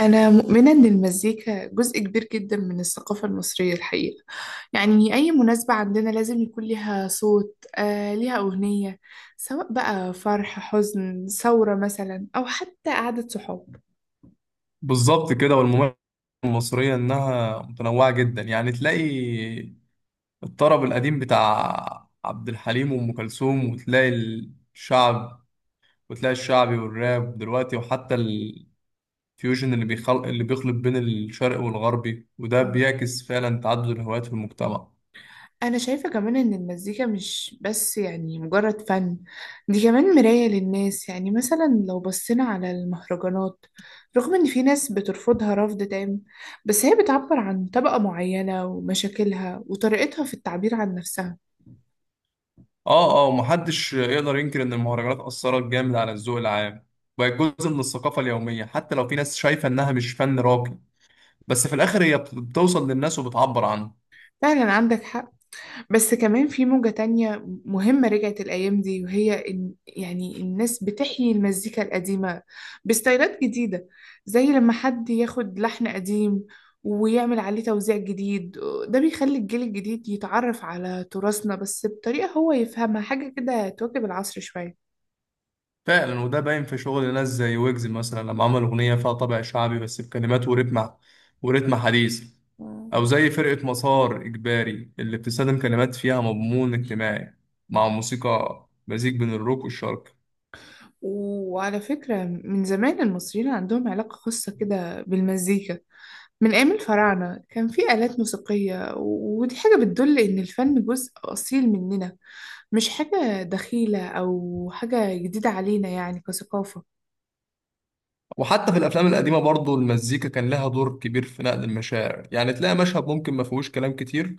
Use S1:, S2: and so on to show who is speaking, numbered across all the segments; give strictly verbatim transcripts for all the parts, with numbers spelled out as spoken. S1: أنا مؤمنة إن المزيكا جزء كبير جدا من الثقافة المصرية الحقيقة، يعني أي مناسبة عندنا لازم يكون ليها صوت آه، ليها أغنية، سواء بقى فرح حزن ثورة مثلا أو حتى قعدة صحاب.
S2: بالظبط كده. والمميز المصرية إنها متنوعة جدا، يعني تلاقي الطرب القديم بتاع عبد الحليم وأم كلثوم، وتلاقي الشعب، وتلاقي الشعبي والراب دلوقتي، وحتى الفيوجن اللي بيخلق اللي بيخلط بين الشرق والغربي، وده
S1: آه.
S2: بيعكس فعلا تعدد الهوايات في المجتمع.
S1: أنا شايفة كمان إن المزيكا مش بس يعني مجرد فن، دي كمان مراية للناس. يعني مثلا لو بصينا على المهرجانات، رغم إن في ناس بترفضها رفض تام، بس هي بتعبر عن طبقة معينة ومشاكلها وطريقتها في التعبير عن نفسها.
S2: اه اه، ومحدش يقدر ينكر إن المهرجانات أثرت جامد على الذوق العام. بقت جزء من الثقافة اليومية، حتى لو في ناس شايفة إنها مش فن راقي. بس في الآخر هي بت- بتوصل للناس وبتعبر عنه.
S1: فعلا عندك حق. بس كمان في موجة تانية مهمة رجعت الأيام دي، وهي إن يعني الناس بتحيي المزيكا القديمة بستايلات جديدة، زي لما حد ياخد لحن قديم ويعمل عليه توزيع جديد. ده بيخلي الجيل الجديد يتعرف على تراثنا، بس بطريقة هو يفهمها، حاجة كده تواكب العصر شوية.
S2: فعلا، وده باين في شغل ناس زي ويجز مثلا، لما عمل أغنية فيها طابع شعبي بس بكلمات ورتم ورتم حديث.
S1: مم.
S2: أو زي فرقة مسار إجباري اللي بتستخدم كلمات فيها مضمون اجتماعي، مع موسيقى مزيج بين الروك والشرق.
S1: وعلى فكرة من زمان المصريين عندهم علاقة خاصة كده بالمزيكا، من أيام الفراعنة كان في آلات موسيقية و- ودي حاجة بتدل إن الفن جزء أصيل مننا، مش حاجة دخيلة أو حاجة جديدة علينا يعني كثقافة.
S2: وحتى في الأفلام القديمة برضو المزيكا كان لها دور كبير في نقل المشاعر، يعني تلاقي مشهد ممكن ما فيهوش كلام كتير،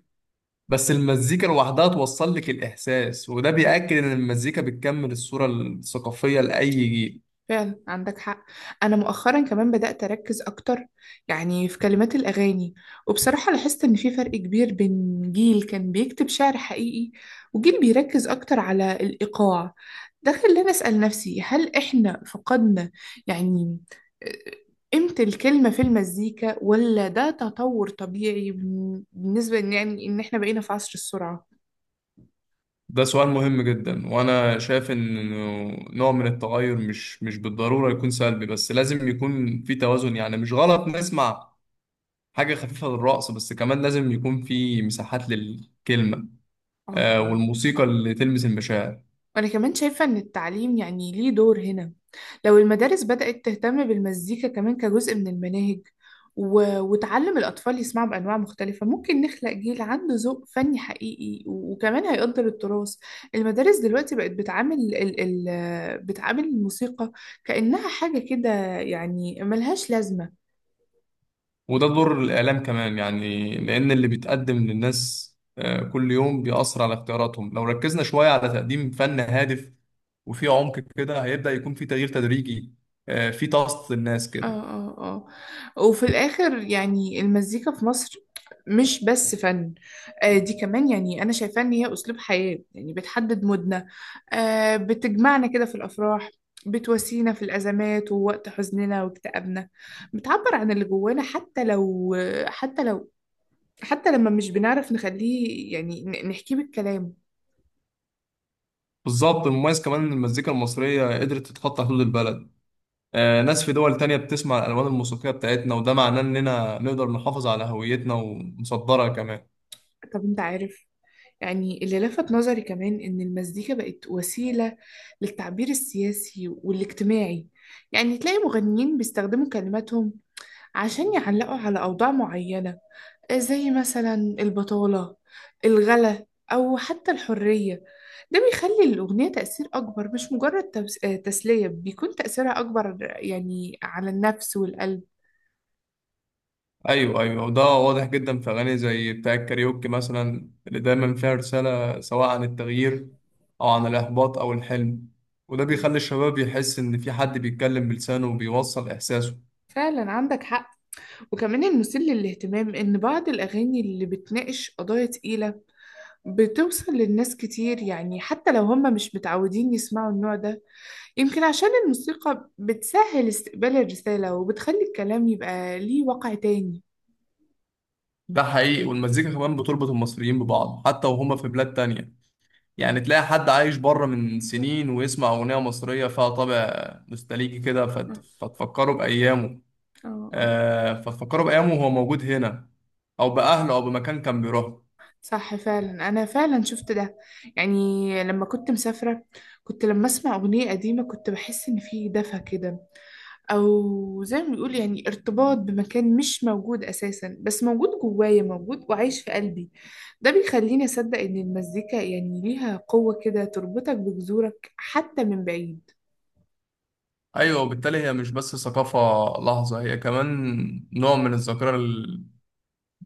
S2: بس المزيكا لوحدها توصل لك الإحساس، وده بيأكد إن المزيكا بتكمل الصورة الثقافية لأي جيل.
S1: فعلا عندك حق. انا مؤخرا كمان بدأت اركز اكتر، يعني في كلمات الاغاني. وبصراحة لاحظت ان في فرق كبير بين جيل كان بيكتب شعر حقيقي، وجيل بيركز اكتر على الايقاع. ده خلاني اسأل نفسي، هل احنا فقدنا يعني آه، قيمة الكلمة في المزيكا، ولا ده تطور طبيعي بالنسبة إن- يعني ان احنا بقينا في عصر السرعة؟
S2: ده سؤال مهم جدا، وانا شايف ان نوع من التغير مش مش بالضروره يكون سلبي، بس لازم يكون في توازن. يعني مش غلط نسمع حاجه خفيفه للرقص، بس كمان لازم يكون في مساحات للكلمه
S1: اه،
S2: آه،
S1: اه.
S2: والموسيقى اللي تلمس المشاعر.
S1: وأنا كمان شايفة إن التعليم يعني ليه دور هنا، لو المدارس بدأت تهتم بالمزيكا كمان كجزء من المناهج، و... وتعلم الأطفال يسمعوا بأنواع مختلفة، ممكن نخلق جيل عنده ذوق فني حقيقي، و... وكمان هيقدر التراث. المدارس دلوقتي بقت بتعامل ال... ال... بتعامل الموسيقى كأنها حاجة كده، يعني ملهاش لازمة.
S2: وده دور الاعلام كمان، يعني لان اللي بيتقدم للناس آه، كل يوم بيأثر على اختياراتهم. لو ركزنا شويه على تقديم فن هادف وفي عمق كده، هيبدأ يكون في تغيير تدريجي آه، في طاقة الناس
S1: اه،
S2: كده.
S1: اه. اه، وفي الآخر يعني المزيكا في مصر مش بس فن، آه دي كمان يعني أنا شايفاه إن هي أسلوب حياة، يعني بتحدد مودنا، آه بتجمعنا كده في الأفراح، بتواسينا في الأزمات ووقت حزننا واكتئابنا، بتعبر عن اللي جوانا، حتى لو حتى لو حتى لما مش بنعرف نخليه يعني ن- نحكيه بالكلام.
S2: بالظبط. المميز كمان ان المزيكا المصريه قدرت تتخطى حدود البلد. آه ناس في دول تانية بتسمع الالوان الموسيقيه بتاعتنا، وده معناه اننا نقدر نحافظ على هويتنا ونصدرها كمان.
S1: طب أنت عارف، يعني اللي لفت نظري كمان إن المزيكا بقت وسيلة للتعبير السياسي والاجتماعي، يعني تلاقي مغنيين بيستخدموا كلماتهم عشان يعلقوا على أوضاع معينة، زي مثلا البطالة، الغلا، أو حتى الحرية. ده بيخلي الأغنية تأثير أكبر، مش مجرد تبس- آه، تسلية، بيكون تأثيرها أكبر يعني على النفس والقلب.
S2: ايوه ايوه، وده واضح جدا في اغاني زي بتاع الكاريوكي مثلا، اللي دايما فيها رساله، سواء عن التغيير او عن الاحباط او الحلم. وده بيخلي الشباب يحس ان في حد بيتكلم بلسانه وبيوصل احساسه.
S1: فعلا عندك حق. وكمان المثير للاهتمام إن بعض الأغاني اللي بتناقش قضايا تقيلة بتوصل للناس كتير، يعني حتى لو هم مش متعودين يسمعوا النوع ده، يمكن عشان الموسيقى بتسهل استقبال الرسالة، وبتخلي الكلام يبقى ليه وقع تاني.
S2: ده حقيقي، والمزيكا كمان بتربط المصريين ببعض حتى وهم في بلاد تانية. يعني تلاقي حد عايش بره من سنين ويسمع أغنية مصرية فيها طابع نوستالجي كده فت-
S1: اه،
S2: فتفكره بأيامه.
S1: اه.
S2: آه فتفكره بأيامه وهو موجود هنا، أو بأهله، أو بمكان كان بيروح.
S1: صح فعلا، أنا فعلا شفت ده. يعني لما كنت مسافرة، كنت لما أسمع أغنية قديمة كنت بحس إن في دفى كده، او زي ما بيقول يعني ارتباط بمكان مش موجود اساسا، بس موجود جوايا، موجود وعايش في قلبي. ده بيخليني اصدق ان المزيكا يعني ليها قوة كده تربطك بجذورك حتى من بعيد.
S2: أيوة، وبالتالي هي مش بس ثقافة. لحظة، هي كمان نوع من الذاكرة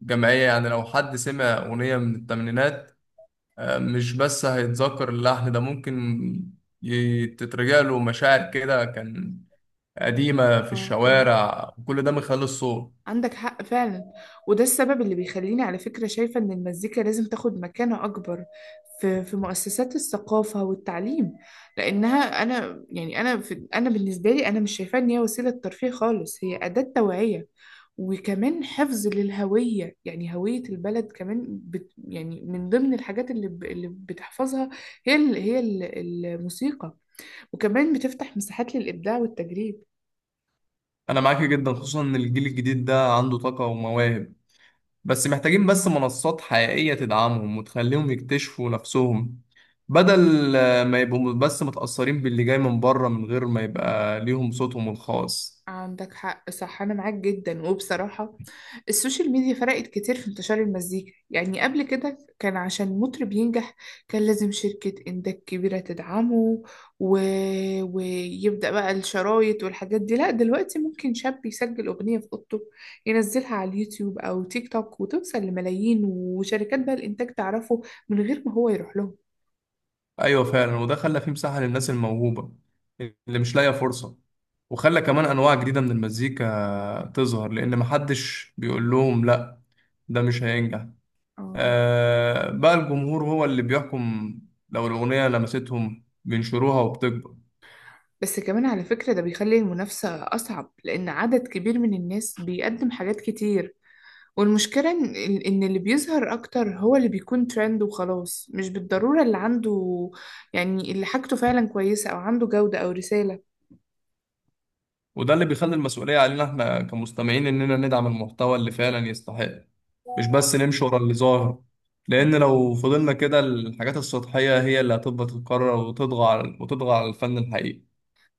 S2: الجماعية. يعني لو حد سمع أغنية من الثمانينات آه مش بس هيتذكر اللحن، ده ممكن ي- تترجع له مشاعر كده كان قديمة في
S1: اه، اه.
S2: الشوارع، وكل ده من خلال الصوت.
S1: عندك حق فعلا. وده السبب اللي بيخليني على فكرة شايفة إن المزيكا لازم تاخد مكانة أكبر في في مؤسسات الثقافة والتعليم، لأنها أنا يعني أنا في أنا بالنسبة لي أنا مش شايفاها إن هي وسيلة ترفيه خالص، هي أداة توعية، وكمان حفظ للهوية، يعني هوية البلد كمان بت يعني من ضمن الحاجات اللي, ب اللي بتحفظها هي ال هي ال الموسيقى. وكمان بتفتح مساحات للإبداع والتجريب.
S2: انا معاك جدا، خصوصا ان الجيل الجديد ده عنده طاقة ومواهب، بس محتاجين بس منصات حقيقية تدعمهم وتخليهم يكتشفوا نفسهم، بدل آه، ما يبقوا بس متأثرين باللي جاي من بره من غير ما يبقى ليهم صوتهم الخاص.
S1: عندك حق صح، أنا معاك جدا. وبصراحة السوشيال ميديا فرقت كتير في انتشار المزيكا، يعني قبل كده كان عشان مطرب ينجح كان لازم شركة إنتاج كبيرة تدعمه و... ويبدأ بقى الشرايط والحاجات دي، لا دلوقتي ممكن شاب يسجل أغنية في أوضته، ينزلها على اليوتيوب أو تيك توك وتوصل لملايين، وشركات بقى الإنتاج تعرفه من غير ما هو يروح لهم.
S2: ايوه فعلا، وده خلى فيه مساحة للناس الموهوبة اللي مش لاقية فرصة، وخلى كمان انواع جديدة من المزيكا تظهر، لان محدش بيقول لهم لا، ده مش هينجح.
S1: آه.
S2: آه بقى الجمهور هو اللي بيحكم. لو الأغنية لمستهم بينشروها وبتكبر.
S1: بس كمان على فكرة ده بيخلي المنافسة أصعب، لأن عدد كبير من الناس بيقدم حاجات كتير. والمشكلة إن إن اللي بيظهر أكتر هو اللي بيكون ترند وخلاص، مش بالضرورة اللي عنده يعني اللي حاجته فعلا كويسة أو عنده جودة أو رسالة.
S2: وده اللي بيخلي المسؤولية علينا احنا كمستمعين، إننا ندعم المحتوى اللي فعلا يستحق، مش بس نمشي ورا اللي ظاهر. لأن لو فضلنا كده، الحاجات السطحية هي اللي هتفضل تتكرر وتطغى على وتطغى على الفن الحقيقي.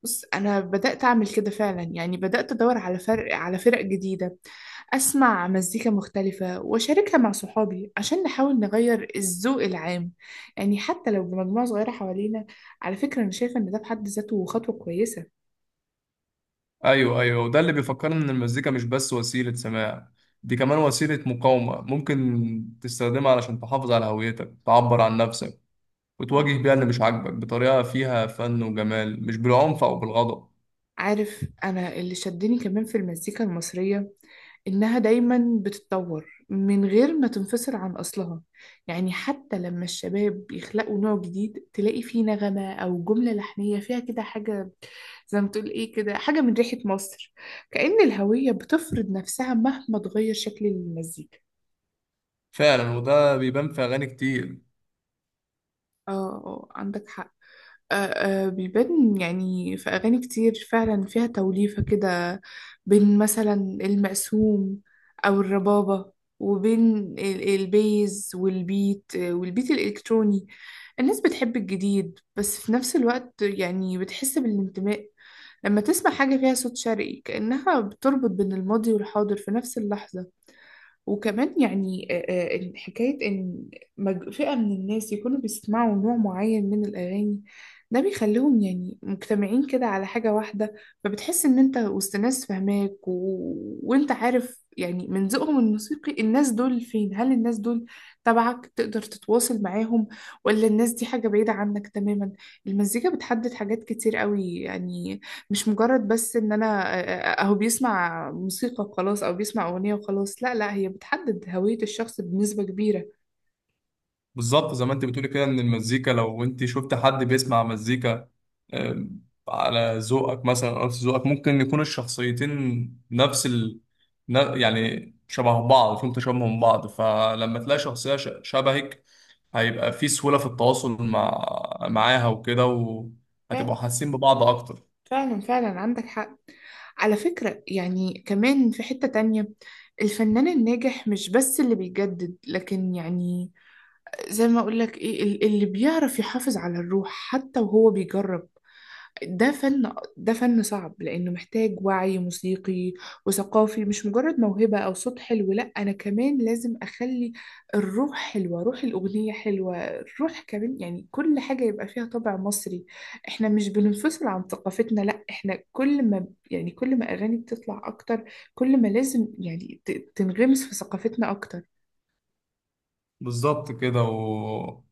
S1: بص أنا بدأت أعمل كده فعلا، يعني بدأت أدور على فرق على فرق جديدة، أسمع مزيكا مختلفة وأشاركها مع صحابي عشان نحاول نغير الذوق العام، يعني حتى لو بمجموعة صغيرة حوالينا. على فكرة أنا شايفة إن ده في حد ذاته خطوة كويسة.
S2: أيوه أيوه، وده اللي بيفكرنا إن المزيكا مش بس وسيلة سماع، دي كمان وسيلة مقاومة، ممكن تستخدمها علشان تحافظ على هويتك، تعبر عن نفسك، وتواجه بيها اللي مش عاجبك بطريقة فيها فن وجمال، مش بالعنف أو بالغضب.
S1: عارف، أنا اللي شدني كمان في المزيكا المصرية إنها دايما بتتطور من غير ما تنفصل عن أصلها، يعني حتى لما الشباب يخلقوا نوع جديد تلاقي فيه نغمة أو جملة لحنية فيها كده حاجة، زي ما تقول إيه، كده حاجة من ريحة مصر، كأن الهوية بتفرض نفسها مهما تغير شكل المزيكا.
S2: فعلا، وده بيبان في أغاني كتير.
S1: اه، آه، عندك حق. آه، آه، بيبان يعني في أغاني كتير فعلا فيها توليفة كده، بين مثلا المقسوم أو الربابة، وبين ال- البيز والبيت، آه، والبيت الإلكتروني. الناس بتحب الجديد، بس في نفس الوقت يعني بتحس بالانتماء لما تسمع حاجة فيها صوت شرقي، كأنها بتربط بين الماضي والحاضر في نفس اللحظة. وكمان يعني آه، آه، حكاية إن مج- فئة من الناس يكونوا بيسمعوا نوع معين من الأغاني، ده بيخليهم يعني مجتمعين كده على حاجة واحدة، فبتحس إن أنت وسط ناس فاهماك، و... وأنت عارف يعني من ذوقهم الموسيقي الناس دول فين، هل الناس دول تبعك تقدر تتواصل معاهم، ولا الناس دي حاجة بعيدة عنك تماما. المزيكا بتحدد حاجات كتير قوي، يعني مش مجرد بس ان انا آه، آه، اهو بيسمع موسيقى وخلاص، او بيسمع اغنية وخلاص، لا لا، هي بتحدد هوية الشخص بنسبة كبيرة.
S2: بالظبط زي ما أنت بتقولي كده، إن المزيكا لو أنت شفت حد بيسمع مزيكا آم، على ذوقك مثلا أو نفس ذوقك، ممكن يكون الشخصيتين نفس ال... ن- يعني شبه بعض، فيهم تشابه من بعض. فلما تلاقي شخصية ش- شبهك، هيبقى في سهولة في التواصل مع معاها وكده.
S1: ف-
S2: وهتبقوا حاسين ببعض أكتر.
S1: فعلا فعلا عندك حق. على فكرة يعني كمان في حتة تانية، الفنان الناجح مش بس اللي بيجدد، لكن يعني زي ما اقولك ايه ال- اللي بيعرف يحافظ على الروح حتى وهو بيجرب. ده فن ده فن صعب، لأنه محتاج وعي موسيقي وثقافي، مش مجرد موهبة أو صوت حلو. لأ أنا كمان لازم أخلي الروح حلوة، روح الأغنية حلوة، الروح كمان يعني كل حاجة يبقى فيها طابع مصري. إحنا مش بننفصل عن ثقافتنا، لأ إحنا كل ما يعني كل ما أغاني بتطلع أكتر، كل ما لازم يعني ت- تنغمس في ثقافتنا أكتر.
S2: بالظبط كده و...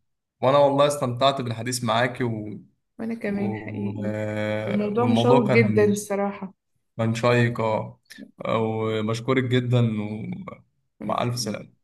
S2: وانا والله استمتعت بالحديث معاكي و...
S1: وأنا كمان
S2: و...
S1: حقيقي.
S2: آه،
S1: الموضوع
S2: والموضوع
S1: مشوق
S2: كان
S1: جدا الصراحة.
S2: كان شيق. اه آه، وبشكرك جدا.
S1: وأنا
S2: ومع الف
S1: كمان
S2: سلامة.